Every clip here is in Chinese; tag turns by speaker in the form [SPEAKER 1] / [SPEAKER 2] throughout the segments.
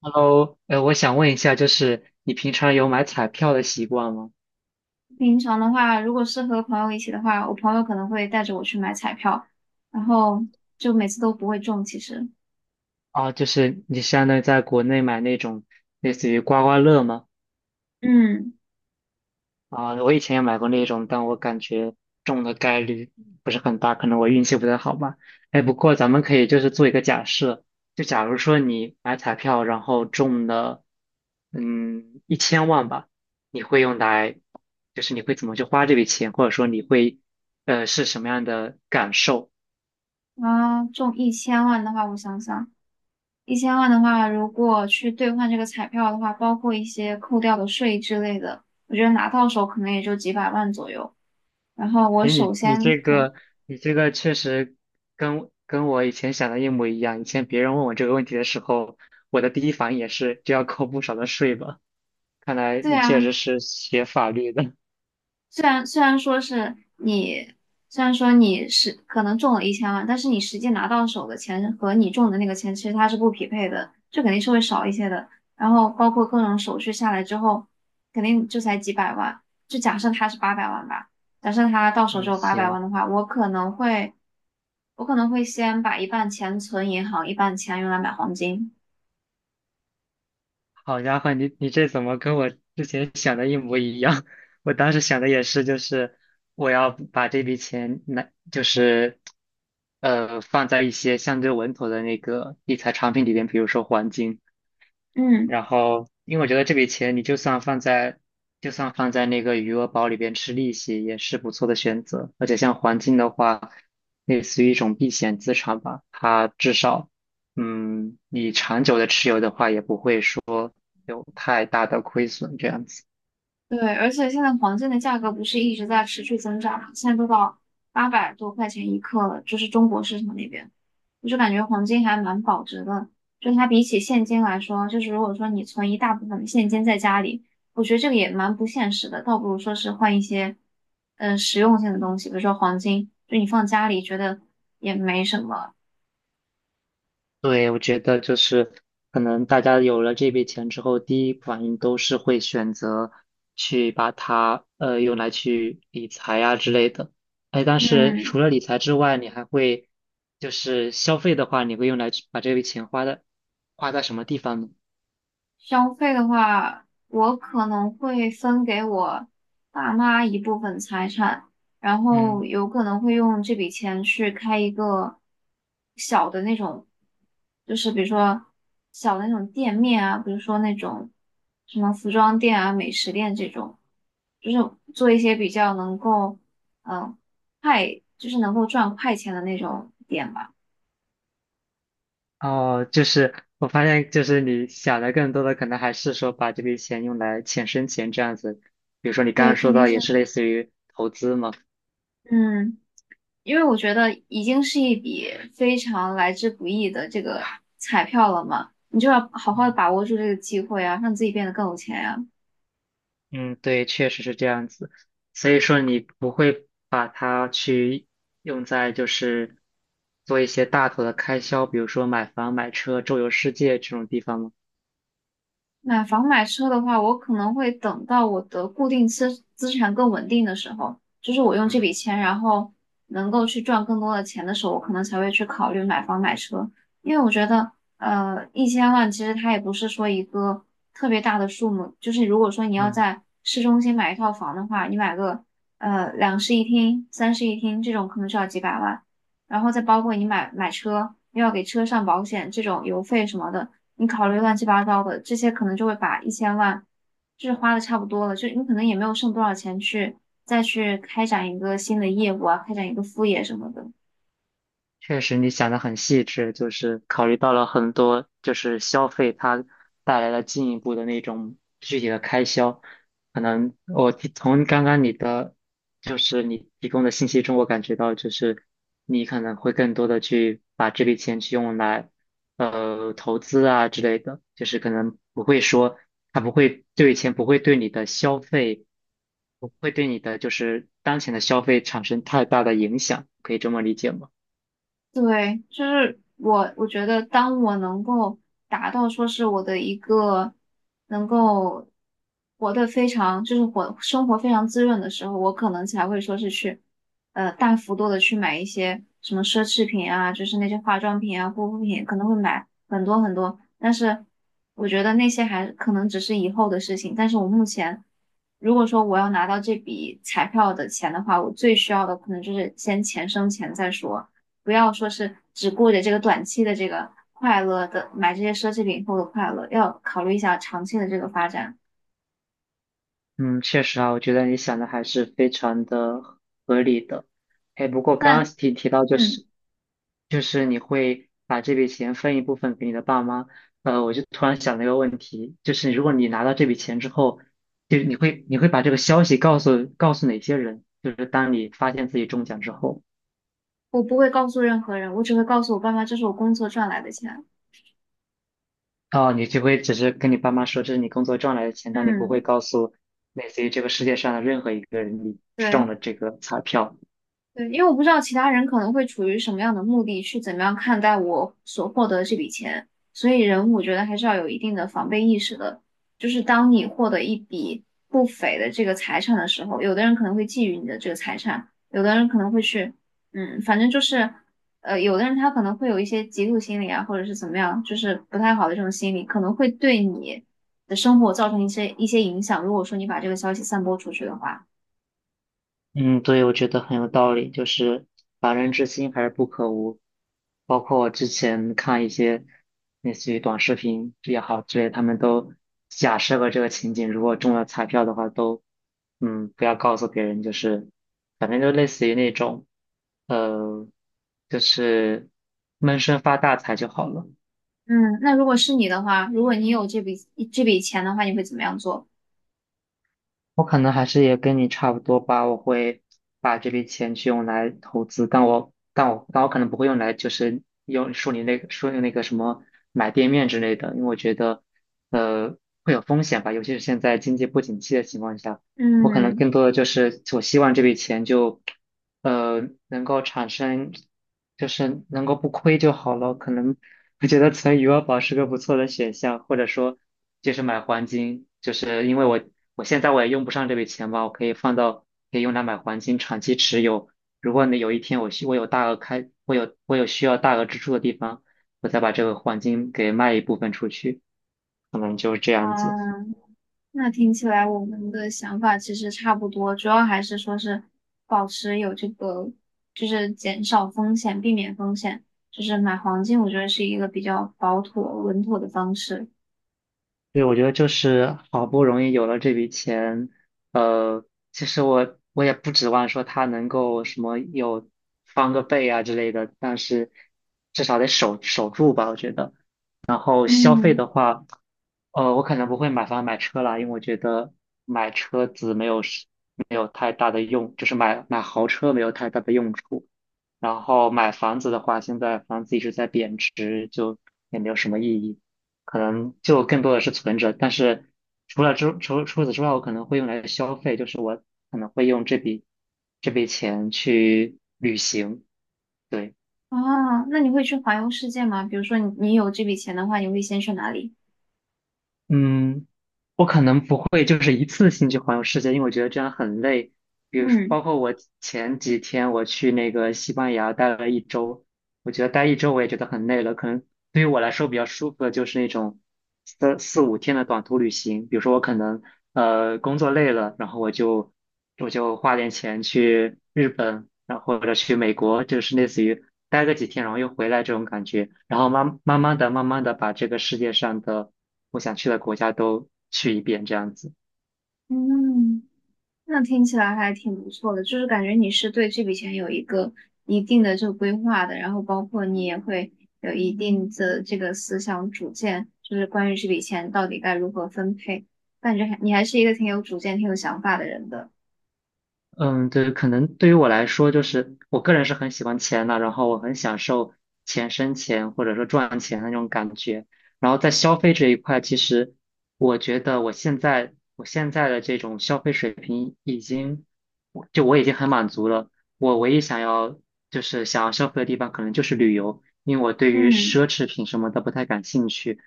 [SPEAKER 1] Hello，我想问一下，就是你平常有买彩票的习惯吗？
[SPEAKER 2] 平常的话，如果是和朋友一起的话，我朋友可能会带着我去买彩票，然后就每次都不会中。其实，
[SPEAKER 1] 啊，就是你相当于在国内买那种类似于刮刮乐吗？
[SPEAKER 2] 嗯，
[SPEAKER 1] 啊，我以前也买过那种，但我感觉中的概率不是很大，可能我运气不太好吧。哎，不过咱们可以就是做一个假设，就假如说你买彩票，然后中了，1000万吧，你会用来，就是你会怎么去花这笔钱，或者说你会，是什么样的感受？
[SPEAKER 2] 中一千万的话，我想想，一千万的话，如果去兑换这个彩票的话，包括一些扣掉的税之类的，我觉得拿到手可能也就几百万左右。然后我
[SPEAKER 1] 诶，
[SPEAKER 2] 首
[SPEAKER 1] 你你
[SPEAKER 2] 先
[SPEAKER 1] 这
[SPEAKER 2] 肯，
[SPEAKER 1] 个你这个确实跟我以前想的一模一样。以前别人问我这个问题的时候，我的第一反应也是就要扣不少的税吧？看来
[SPEAKER 2] 对
[SPEAKER 1] 你
[SPEAKER 2] 啊，
[SPEAKER 1] 确实是学法律的。
[SPEAKER 2] 虽然说是你，虽然说你是可能中了一千万，但是你实际拿到手的钱和你中的那个钱其实它是不匹配的，就肯定是会少一些的。然后包括各种手续下来之后，肯定就才几百万。就假设它是八百万吧，假设它到手只
[SPEAKER 1] 嗯，
[SPEAKER 2] 有八百
[SPEAKER 1] 行，
[SPEAKER 2] 万的话，我可能会先把一半钱存银行，一半钱用来买黄金。
[SPEAKER 1] 好家伙，你这怎么跟我之前想的一模一样？我当时想的也是，就是我要把这笔钱拿，就是放在一些相对稳妥的那个理财产品里边，比如说黄金。
[SPEAKER 2] 嗯。
[SPEAKER 1] 然后，因为我觉得这笔钱你就算放在那个余额宝里边吃利息，也是不错的选择。而且像黄金的话，类似于一种避险资产吧，它至少，你长久的持有的话，也不会说有太大的亏损这样子。
[SPEAKER 2] 对，而且现在黄金的价格不是一直在持续增长嘛，现在都到800多块钱一克了，就是中国市场那边，我就感觉黄金还蛮保值的。就它比起现金来说，就是如果说你存一大部分的现金在家里，我觉得这个也蛮不现实的，倒不如说是换一些实用性的东西，比如说黄金，就你放家里觉得也没什么，
[SPEAKER 1] 对，我觉得就是可能大家有了这笔钱之后，第一反应都是会选择去把它用来去理财啊之类的。哎，但是
[SPEAKER 2] 嗯。
[SPEAKER 1] 除了理财之外，你还会就是消费的话，你会用来去把这笔钱花在什么地方呢？
[SPEAKER 2] 消费的话，我可能会分给我爸妈一部分财产，然
[SPEAKER 1] 嗯，
[SPEAKER 2] 后有可能会用这笔钱去开一个小的那种，就是比如说小的那种店面啊，比如说那种什么服装店啊、美食店这种，就是做一些比较能够嗯快，就是能够赚快钱的那种店吧。
[SPEAKER 1] 哦，就是我发现，就是你想的更多的可能还是说把这笔钱用来钱生钱这样子。比如说你刚
[SPEAKER 2] 对，
[SPEAKER 1] 刚
[SPEAKER 2] 肯
[SPEAKER 1] 说
[SPEAKER 2] 定
[SPEAKER 1] 到
[SPEAKER 2] 是
[SPEAKER 1] 也是类似于投资嘛。
[SPEAKER 2] 嗯。因为我觉得已经是一笔非常来之不易的这个彩票了嘛，你就要好好的把握住这个机会啊，让自己变得更有钱呀。
[SPEAKER 1] 嗯，对，确实是这样子。所以说，你不会把它去用在就是做一些大头的开销，比如说买房、买车、周游世界这种地方吗？
[SPEAKER 2] 买房买车的话，我可能会等到我的固定资产更稳定的时候，就是我用这笔
[SPEAKER 1] 嗯
[SPEAKER 2] 钱，然后能够去赚更多的钱的时候，我可能才会去考虑买房买车。因为我觉得，一千万其实它也不是说一个特别大的数目，就是如果说你要
[SPEAKER 1] 嗯，
[SPEAKER 2] 在市中心买一套房的话，你买个两室一厅、三室一厅这种可能就要几百万，然后再包括你买车，又要给车上保险，这种油费什么的。你考虑乱七八糟的，这些可能就会把一千万就是花的差不多了，就你可能也没有剩多少钱去再去开展一个新的业务啊，开展一个副业什么的。
[SPEAKER 1] 确实，你想的很细致，就是考虑到了很多，就是消费它带来了进一步的那种具体的开销。可能我从刚刚你的，就是你提供的信息中，我感觉到就是你可能会更多的去把这笔钱去用来，投资啊之类的，就是可能不会说它不会这笔钱不会对你的消费，不会对你的就是当前的消费产生太大的影响，可以这么理解吗？
[SPEAKER 2] 对，我觉得当我能够达到说是我的一个能够活得非常，就是活生活非常滋润的时候，我可能才会说是去，大幅度的去买一些什么奢侈品啊，就是那些化妆品啊、护肤品，可能会买很多很多。但是我觉得那些还可能只是以后的事情。但是我目前，如果说我要拿到这笔彩票的钱的话，我最需要的可能就是先钱生钱再说。不要说是只顾着这个短期的这个快乐的买这些奢侈品后的快乐，要考虑一下长期的这个发展。
[SPEAKER 1] 嗯，确实啊，我觉得你想的还是非常的合理的。哎，不过刚刚
[SPEAKER 2] 那
[SPEAKER 1] 提到就
[SPEAKER 2] 嗯，
[SPEAKER 1] 是，就是你会把这笔钱分一部分给你的爸妈，我就突然想了一个问题，就是如果你拿到这笔钱之后，就是你会把这个消息告诉哪些人？就是当你发现自己中奖之后，
[SPEAKER 2] 我不会告诉任何人，我只会告诉我爸妈，这是我工作赚来的钱。
[SPEAKER 1] 哦，你就会只是跟你爸妈说这是你工作赚来的钱，但你不会
[SPEAKER 2] 嗯，
[SPEAKER 1] 告诉类似于这个世界上的任何一个人你中
[SPEAKER 2] 对，
[SPEAKER 1] 了这个彩票。
[SPEAKER 2] 对，因为我不知道其他人可能会处于什么样的目的，去怎么样看待我所获得的这笔钱，所以人我觉得还是要有一定的防备意识的。就是当你获得一笔不菲的这个财产的时候，有的人可能会觊觎你的这个财产，有的人可能会去，反正就是，有的人他可能会有一些嫉妒心理啊，或者是怎么样，就是不太好的这种心理，可能会对你的生活造成一些影响。如果说你把这个消息散播出去的话。
[SPEAKER 1] 嗯，对，我觉得很有道理，就是“防人之心还是不可无”。包括我之前看一些类似于短视频也好之类，他们都假设过这个情景，如果中了彩票的话，都不要告诉别人，就是反正就类似于那种呃，就是闷声发大财就好了。
[SPEAKER 2] 嗯，那如果是你的话，如果你有这笔钱的话，你会怎么样做？
[SPEAKER 1] 我可能还是也跟你差不多吧，我会把这笔钱去用来投资，但我可能不会用来就是用说你那个什么买店面之类的，因为我觉得呃会有风险吧，尤其是现在经济不景气的情况下，我可能
[SPEAKER 2] 嗯，
[SPEAKER 1] 更多的就是我希望这笔钱就能够产生，就是能够不亏就好了。可能我觉得存余额宝是个不错的选项，或者说就是买黄金，就是因为我现在我也用不上这笔钱吧，我可以放到，可以用来买黄金长期持有。如果你有一天我需我有大额开，我有我有需要大额支出的地方，我再把这个黄金给卖一部分出去，可能就是这样子。
[SPEAKER 2] 啊，那听起来我们的想法其实差不多，主要还是说是保持有这个，就是减少风险，避免风险，就是买黄金，我觉得是一个比较保妥、稳妥的方式。
[SPEAKER 1] 对，我觉得就是好不容易有了这笔钱，呃，其实我也不指望说他能够什么有翻个倍啊之类的，但是至少得守住吧，我觉得。然后消费
[SPEAKER 2] 嗯，
[SPEAKER 1] 的话，我可能不会买房买车啦，因为我觉得买车子没有太大的用，就是买豪车没有太大的用处。然后买房子的话，现在房子一直在贬值，就也没有什么意义，可能就更多的是存着。但是除此之外，我可能会用来消费，就是我可能会用这笔钱去旅行。对。
[SPEAKER 2] 那你会去环游世界吗？比如说你有这笔钱的话，你会先去哪里？
[SPEAKER 1] 嗯，我可能不会就是一次性去环游世界，因为我觉得这样很累。比如说，
[SPEAKER 2] 嗯
[SPEAKER 1] 包括前几天我去那个西班牙待了一周，我觉得待一周我也觉得很累了。可能对于我来说比较舒服的就是那种四五天的短途旅行。比如说，我可能工作累了，然后我就花点钱去日本，然后或者去美国，就是类似于待个几天，然后又回来这种感觉，然后慢慢的把这个世界上的我想去的国家都去一遍，这样子。
[SPEAKER 2] 嗯。那听起来还挺不错的，就是感觉你是对这笔钱有一个一定的这个规划的，然后包括你也会有一定的这个思想主见，就是关于这笔钱到底该如何分配，感觉还你还是一个挺有主见、挺有想法的人的。
[SPEAKER 1] 嗯，对，可能对于我来说，就是我个人是很喜欢钱的，然后我很享受钱生钱或者说赚钱的那种感觉。然后在消费这一块，其实我觉得我现在的这种消费水平已经，我已经很满足了。我唯一想要消费的地方，可能就是旅游，因为我对于
[SPEAKER 2] 嗯，
[SPEAKER 1] 奢侈品什么的不太感兴趣。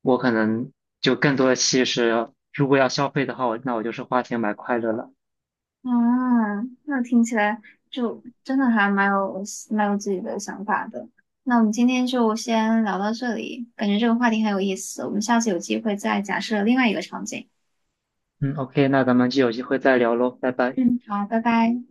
[SPEAKER 1] 我可能就更多的其实，如果要消费的话，那我就是花钱买快乐了。
[SPEAKER 2] 啊，那听起来就真的还蛮有自己的想法的。那我们今天就先聊到这里，感觉这个话题很有意思，我们下次有机会再假设另外一个场景。
[SPEAKER 1] 嗯，OK，那咱们就有机会再聊喽，拜拜。
[SPEAKER 2] 嗯，好，拜拜。